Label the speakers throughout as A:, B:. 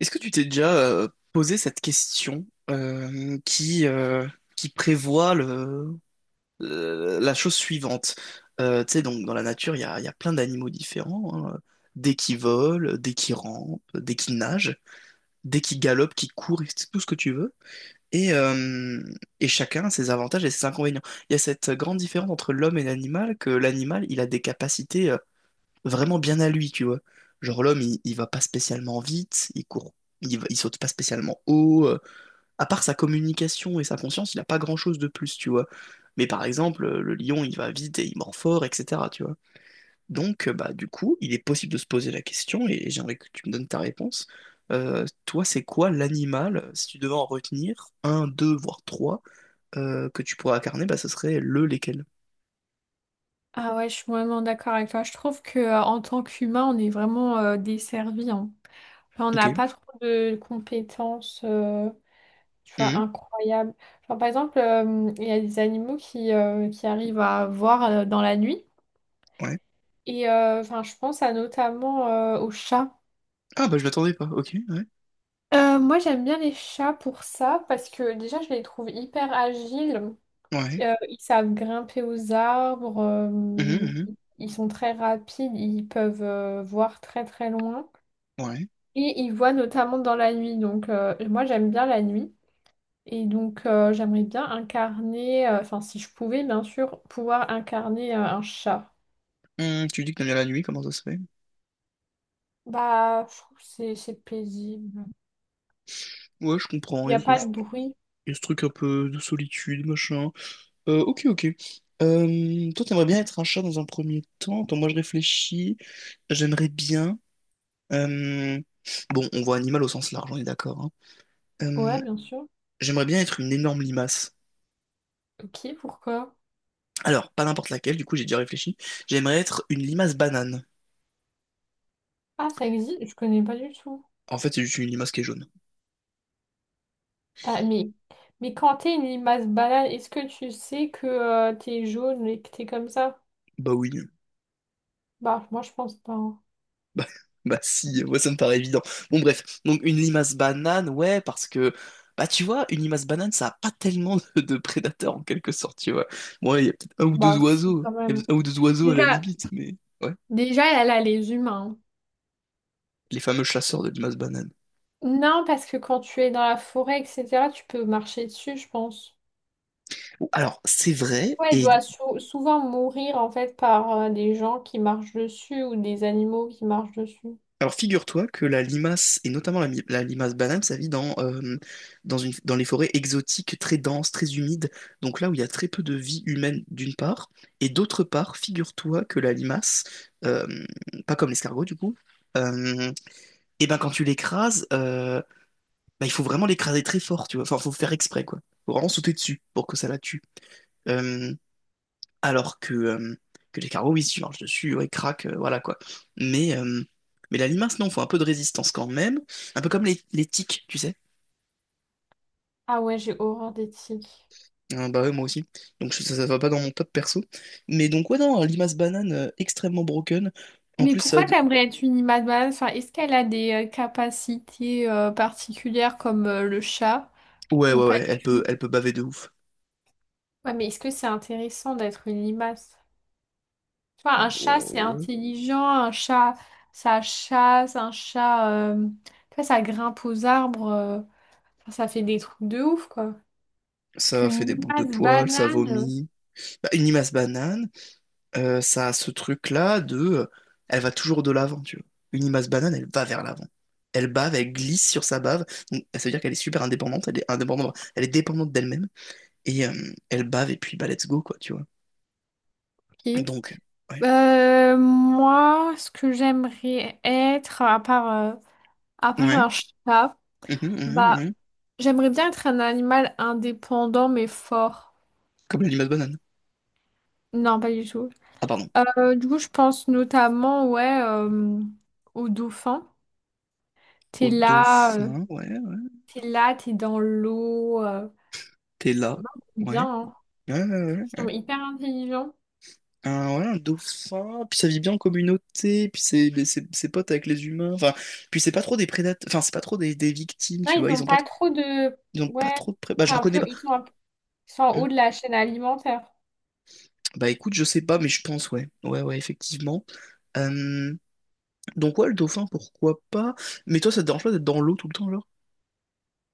A: Est-ce que tu t'es déjà posé cette question qui prévoit la chose suivante? Donc dans la nature, il y a plein d'animaux différents, hein, des qui volent, des qui rampent, des qui nagent, des qui galopent, qui courent, et c'est tout ce que tu veux. Et, euh, et chacun a ses avantages et ses inconvénients. Il y a cette grande différence entre l'homme et l'animal, que l'animal, il a des capacités vraiment bien à lui, tu vois. Genre l'homme, il va pas spécialement vite, il court, il saute pas spécialement haut. À part sa communication et sa conscience, il a pas grand-chose de plus, tu vois. Mais par exemple, le lion, il va vite et il mord fort, etc., tu vois. Du coup, il est possible de se poser la question, et j'aimerais que tu me donnes ta réponse. Toi, c'est quoi l'animal, si tu devais en retenir un, deux, voire trois, que tu pourrais incarner, bah, ce serait le lesquels?
B: Ah ouais, je suis vraiment d'accord avec toi. Je trouve que en tant qu'humain, on est vraiment desservi, hein. Enfin, on
A: Ok.
B: n'a pas trop de compétences, tu vois,
A: Mhm.
B: incroyables. Genre, par exemple, il y a des animaux qui arrivent à voir dans la nuit.
A: Ouais.
B: Et enfin, je pense à notamment aux chats.
A: Ah, bah, je m'attendais pas. Ok, ouais.
B: Moi, j'aime bien les chats pour ça parce que déjà, je les trouve hyper agiles.
A: Ouais.
B: Ils savent grimper aux arbres,
A: Mhm, mhm.
B: ils sont très rapides. Ils peuvent voir très très loin.
A: Ouais.
B: Et il voit notamment dans la nuit. Donc, moi, j'aime bien la nuit. Et donc, j'aimerais bien incarner, enfin, si je pouvais, bien sûr, pouvoir incarner un chat.
A: Tu dis que t'aimes bien la nuit, comment ça se fait?
B: Bah, je trouve que c'est paisible.
A: Ouais, je
B: Il
A: comprends,
B: n'y a pas de bruit.
A: il y a ce truc un peu de solitude, machin. Ok, ok. Toi, t'aimerais bien être un chat dans un premier temps. Attends, moi, je réfléchis. J'aimerais bien... euh, Bon, on voit animal au sens large, on est d'accord. Hein.
B: Ouais,
A: Euh,
B: bien sûr.
A: J'aimerais bien être une énorme limace.
B: Ok, pourquoi?
A: Alors, pas n'importe laquelle, du coup, j'ai déjà réfléchi. J'aimerais être une limace banane.
B: Ah, ça existe? Je connais pas du tout.
A: En fait, c'est juste une limace qui est jaune.
B: Ah, mais quand t'es une limace banale, est-ce que tu sais que t'es jaune et que t'es comme ça?
A: Bah oui.
B: Bah, moi, je pense pas, hein.
A: Bah, bah si, moi ça me paraît évident. Bon bref, donc une limace banane, ouais, parce que, bah tu vois, une limace banane, ça a pas tellement de prédateurs en quelque sorte, tu vois. Bon, ouais,
B: Bah, si, quand
A: il y a
B: même.
A: peut-être un ou deux oiseaux à la
B: Déjà,
A: limite, mais ouais,
B: déjà, elle a les humains.
A: les fameux chasseurs de limaces bananes.
B: Non, parce que quand tu es dans la forêt, etc., tu peux marcher dessus, je pense.
A: Bon, alors, c'est vrai,
B: Ouais, elle
A: et
B: doit souvent mourir en fait par des gens qui marchent dessus ou des animaux qui marchent dessus.
A: alors figure-toi que la limace, et notamment la limace banane, ça vit dans les forêts exotiques très denses, très humides, donc là où il y a très peu de vie humaine d'une part, et d'autre part, figure-toi que la limace, euh, pas comme l'escargot du coup, euh, et ben quand tu l'écrases, bah, il faut vraiment l'écraser très fort, tu vois, enfin faut faire exprès quoi, faut vraiment sauter dessus pour que ça la tue. Euh, alors que que les carreaux, oui, si tu marches dessus, ouais, craque, voilà quoi. Mais, euh, mais la limace, non, faut un peu de résistance quand même. Un peu comme les tiques, tu sais.
B: Ah ouais, j'ai horreur des tiques.
A: Bah ouais, moi aussi. Ça, ça va pas dans mon top perso. Mais donc, ouais, non, limace banane extrêmement broken. En
B: Mais
A: plus, ça.
B: pourquoi
A: De-
B: t'aimerais être une image? Enfin, est-ce qu'elle a des capacités particulières comme le chat
A: Ouais,
B: ou
A: ouais,
B: pas
A: ouais,
B: du tout?
A: elle peut baver de ouf.
B: Ouais, mais est-ce que c'est intéressant d'être une limace? Tu vois, un chat,
A: Bon,
B: c'est
A: ouais.
B: intelligent, un chat, ça chasse, un chat, tu vois, ça grimpe aux arbres. Enfin, ça fait des trucs de ouf, quoi. Alors
A: Ça fait
B: qu'une
A: des boules de
B: limace
A: poils, ça
B: banane.
A: vomit. Bah, une limace banane. Ça a ce truc-là de... Elle va toujours de l'avant, tu vois. Une limace banane, elle va vers l'avant. Elle bave, elle glisse sur sa bave. Donc, ça veut dire qu'elle est super indépendante, elle est dépendante d'elle-même. Et elle bave, et puis bah let's go, quoi, tu vois.
B: Ok.
A: Donc, ouais.
B: Moi, ce que j'aimerais être, à part
A: Ouais.
B: un chat,
A: Mhm, mhm,
B: bah,
A: mhm.
B: j'aimerais bien être un animal indépendant mais fort.
A: Comme la limace banane.
B: Non, pas du tout.
A: Ah, pardon.
B: Du coup, je pense notamment, ouais, au dauphin. T'es
A: Au
B: là,
A: dauphin, ouais, ouais.
B: t'es là, t'es dans l'eau.
A: T'es là.
B: Moi, j'aime
A: Ouais.
B: bien, hein.
A: Ouais, ouais, ouais.
B: Ils
A: ouais.
B: sont hyper intelligents.
A: Un dauphin, puis ça vit bien en communauté, c'est pote avec les humains. Enfin, puis c'est pas trop des prédateurs, enfin, c'est pas trop des victimes,
B: Non,
A: tu vois.
B: ils
A: Ils
B: ont
A: ont pas.
B: pas trop de...
A: Ils ont pas
B: Ouais,
A: trop de pré... Bah,
B: c'est
A: j'en
B: un
A: connais
B: peu...
A: pas.
B: ils sont un peu... Ils sont en
A: Hmm.
B: haut de la chaîne alimentaire.
A: Bah, écoute, je sais pas, mais je pense, ouais. Ouais, ouais, effectivement. Euh, Donc, ouais, le dauphin, pourquoi pas. Mais toi, ça te dérange pas d'être dans l'eau tout le temps, genre?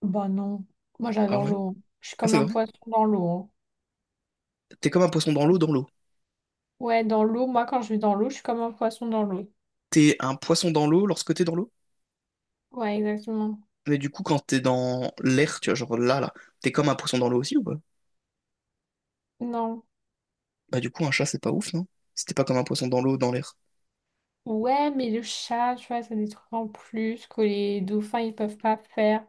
B: Bah non, moi
A: Ah
B: j'adore
A: ouais?
B: l'eau, hein. Je suis
A: Ah,
B: comme
A: c'est
B: un
A: vrai?
B: poisson dans l'eau, hein.
A: T'es comme un poisson dans l'eau, dans l'eau.
B: Ouais, dans l'eau, moi quand je vais dans l'eau, je suis comme un poisson dans l'eau.
A: T'es un poisson dans l'eau lorsque t'es dans l'eau?
B: Ouais, exactement.
A: Mais du coup, quand t'es dans l'air, tu vois, genre là, t'es comme un poisson dans l'eau aussi ou pas?
B: Non.
A: Bah, du coup, un chat, c'est pas ouf, non? Si t'es pas comme un poisson dans l'eau, dans l'air.
B: Ouais, mais le chat, tu vois, ça des trucs en plus que les dauphins, ils peuvent pas faire.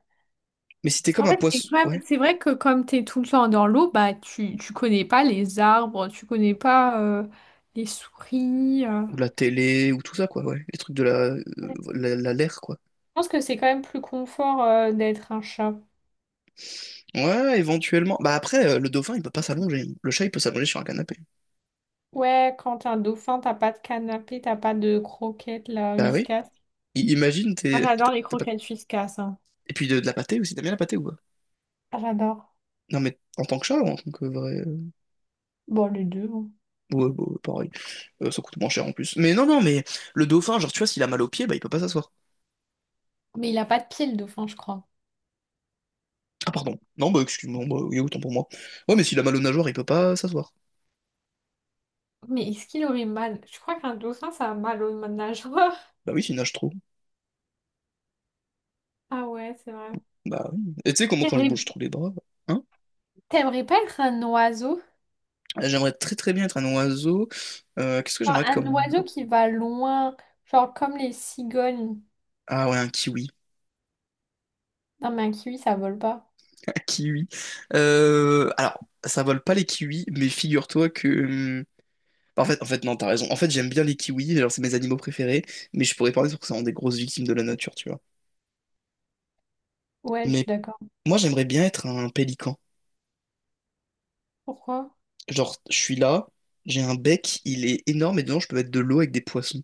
A: Mais si t'es comme
B: Parce
A: un
B: qu'en fait, c'est
A: poisson,
B: quand
A: ouais.
B: même- c'est vrai que comme t'es tout le temps dans l'eau, bah tu connais pas les arbres, tu connais pas les souris.
A: Ou la télé, ou tout ça, quoi, ouais. Les trucs de
B: Je
A: l'air, quoi.
B: pense que c'est quand même plus confort d'être un chat.
A: Ouais, éventuellement. Bah après, le dauphin, il peut pas s'allonger. Le chat, il peut s'allonger sur un canapé.
B: Ouais, quand t'es un dauphin, t'as pas de canapé, t'as pas de croquettes, là,
A: Bah oui.
B: Whiskas.
A: I- imagine,
B: Moi,
A: t'es... t'as-
B: j'adore les
A: t'as pas-
B: croquettes Whiskas, hein.
A: Et puis de la pâtée aussi, t'aimes bien la pâtée ou quoi?
B: Ah, j'adore.
A: Non mais en tant que chat ou en tant que vrai...
B: Bon, les deux, hein.
A: Ouais, bah, pareil. Ça coûte moins cher en plus. Mais non, non, mais le dauphin, genre tu vois, s'il a mal aux pieds bah il peut pas s'asseoir.
B: Mais il a pas de pied, le dauphin, je crois.
A: Ah pardon. Non, bah excuse-moi, bah, oui, autant pour moi. Ouais, mais s'il a mal aux nageoires, il peut pas s'asseoir.
B: Mais est-ce qu'il aurait mal? Je crois qu'un dauphin, ça a mal au nageoire.
A: Bah oui, s'il nage trop.
B: Ah ouais, c'est vrai.
A: Bah oui. Et tu sais comment quand je
B: T'aimerais
A: bouge trop les bras, hein?
B: t'aimerais pas être un oiseau?
A: J'aimerais très très bien être un oiseau. Qu'est-ce que
B: Genre,
A: j'aimerais être
B: un
A: comme... oiseau.
B: oiseau qui va loin, genre comme les cigognes.
A: Ah ouais, un kiwi.
B: Non, mais un kiwi, ça vole pas.
A: Kiwi. Euh, alors, Ça vole pas les kiwis, mais figure-toi que. hum, En fait, non, t'as raison. En fait, j'aime bien les kiwis, genre, c'est mes animaux préférés, mais je pourrais parler sur que c'est des grosses victimes de la nature, tu vois.
B: Ouais, je suis
A: Mais
B: d'accord.
A: moi, j'aimerais bien être un pélican.
B: Pourquoi?
A: Genre, je suis là, j'ai un bec, il est énorme, et dedans, je peux mettre de l'eau avec des poissons.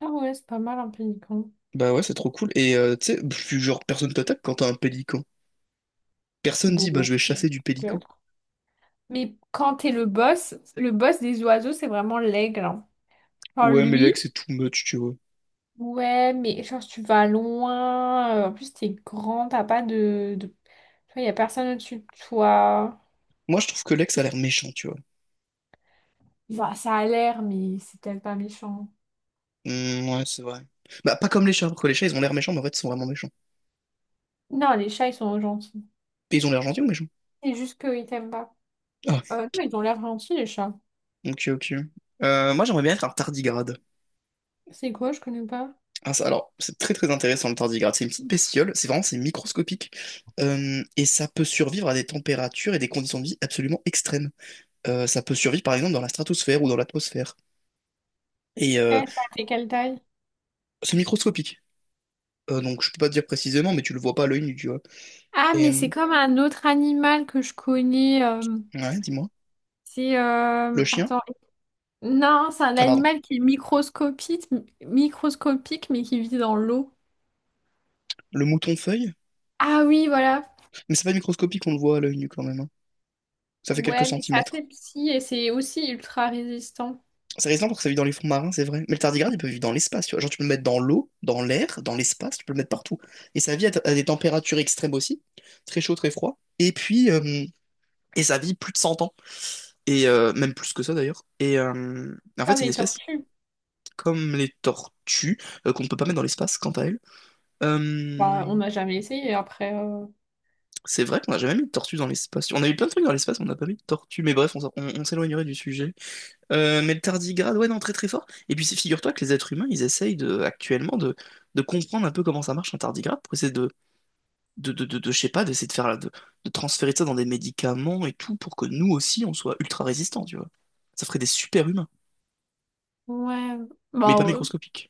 B: Ah ouais, c'est pas mal un pélican.
A: Bah ouais, c'est trop cool. Et tu sais, pff, genre, personne t'attaque quand t'as un pélican. Personne dit, bah,
B: Bon,
A: je vais chasser du
B: ok.
A: pélican.
B: Mais quand t'es le boss des oiseaux, c'est vraiment l'aigle, hein. Genre
A: Ouais, mais
B: lui,
A: l'ex, c'est too much, tu vois.
B: ouais, mais genre tu vas loin, en plus, t'es grand, t'as pas de, de... Tu vois, y a personne au-dessus de toi.
A: Moi, je trouve que l'ex a l'air méchant, tu vois.
B: Bah, ça a l'air, mais c'est peut-être pas méchant.
A: Hmm, ouais, c'est vrai. Bah, pas comme les chats, parce que les chats, ils ont l'air méchants, mais en fait, ils sont vraiment méchants.
B: Non, les chats, ils sont gentils.
A: Et ils ont l'air gentils ou méchants?
B: C'est juste qu'ils t'aiment pas.
A: Ah,
B: Non, ils ont l'air gentils, les chats.
A: ok, ok. Moi, j'aimerais bien être un tardigrade.
B: C'est quoi? Je connais pas.
A: Ah, ça, alors, c'est très très intéressant le tardigrade. C'est une petite bestiole, c'est microscopique. Et ça peut survivre à des températures et des conditions de vie absolument extrêmes. Ça peut survivre, par exemple, dans la stratosphère ou dans l'atmosphère. Et euh,
B: Eh, ça fait quelle taille?
A: c'est microscopique. Donc, je peux pas te dire précisément, mais tu le vois pas à l'œil nu, tu vois.
B: Ah,
A: Et,
B: mais
A: euh,
B: c'est comme un autre animal que je connais.
A: ouais, dis-moi.
B: C'est...
A: Le chien?
B: attends. Non, c'est un
A: Ah, pardon.
B: animal qui est microscopique, microscopique, mais qui vit dans l'eau.
A: Le mouton feuille?
B: Ah oui, voilà.
A: Mais c'est pas microscopique, on le voit à l'œil nu quand même. Hein. Ça fait quelques
B: Ouais, mais c'est assez
A: centimètres.
B: petit et c'est aussi ultra résistant.
A: C'est résistant parce que ça vit dans les fonds marins, c'est vrai. Mais le tardigrade, il peut vivre dans l'espace, tu vois. Genre, tu peux le mettre dans l'eau, dans l'air, dans l'espace, tu peux le mettre partout. Et ça vit à des températures extrêmes aussi, très chaud, très froid. Et ça vit plus de 100 ans, même plus que ça d'ailleurs. En fait,
B: Comme
A: c'est une
B: les
A: espèce
B: tortues.
A: comme les tortues, qu'on ne peut pas mettre dans l'espace, quant à elle.
B: Bah, on n'a jamais essayé après.
A: C'est vrai qu'on n'a jamais mis de tortues dans l'espace. On a eu plein de trucs dans l'espace, on n'a pas mis de tortues. Mais bref, on s'éloignerait du sujet. Mais le tardigrade, ouais, non, très très fort. Et puis figure-toi que les êtres humains, ils essayent actuellement de comprendre un peu comment ça marche un tardigrade pour essayer je sais pas, d'essayer de faire, de transférer ça dans des médicaments et tout pour que nous aussi, on soit ultra résistants, tu vois. Ça ferait des super humains,
B: Ouais,
A: mais
B: bah
A: pas
B: ouais.
A: microscopiques.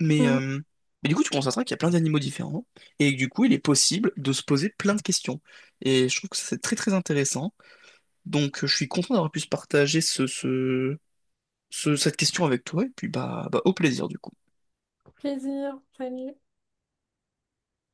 A: Mais,
B: Mm.
A: euh, mais du coup, tu constateras qu'il y a plein d'animaux différents et que du coup, il est possible de se poser plein de questions. Et je trouve que ça, c'est très très intéressant. Donc, je suis content d'avoir pu se partager cette question avec toi et puis bah, au plaisir du coup.
B: Plaisir, salut.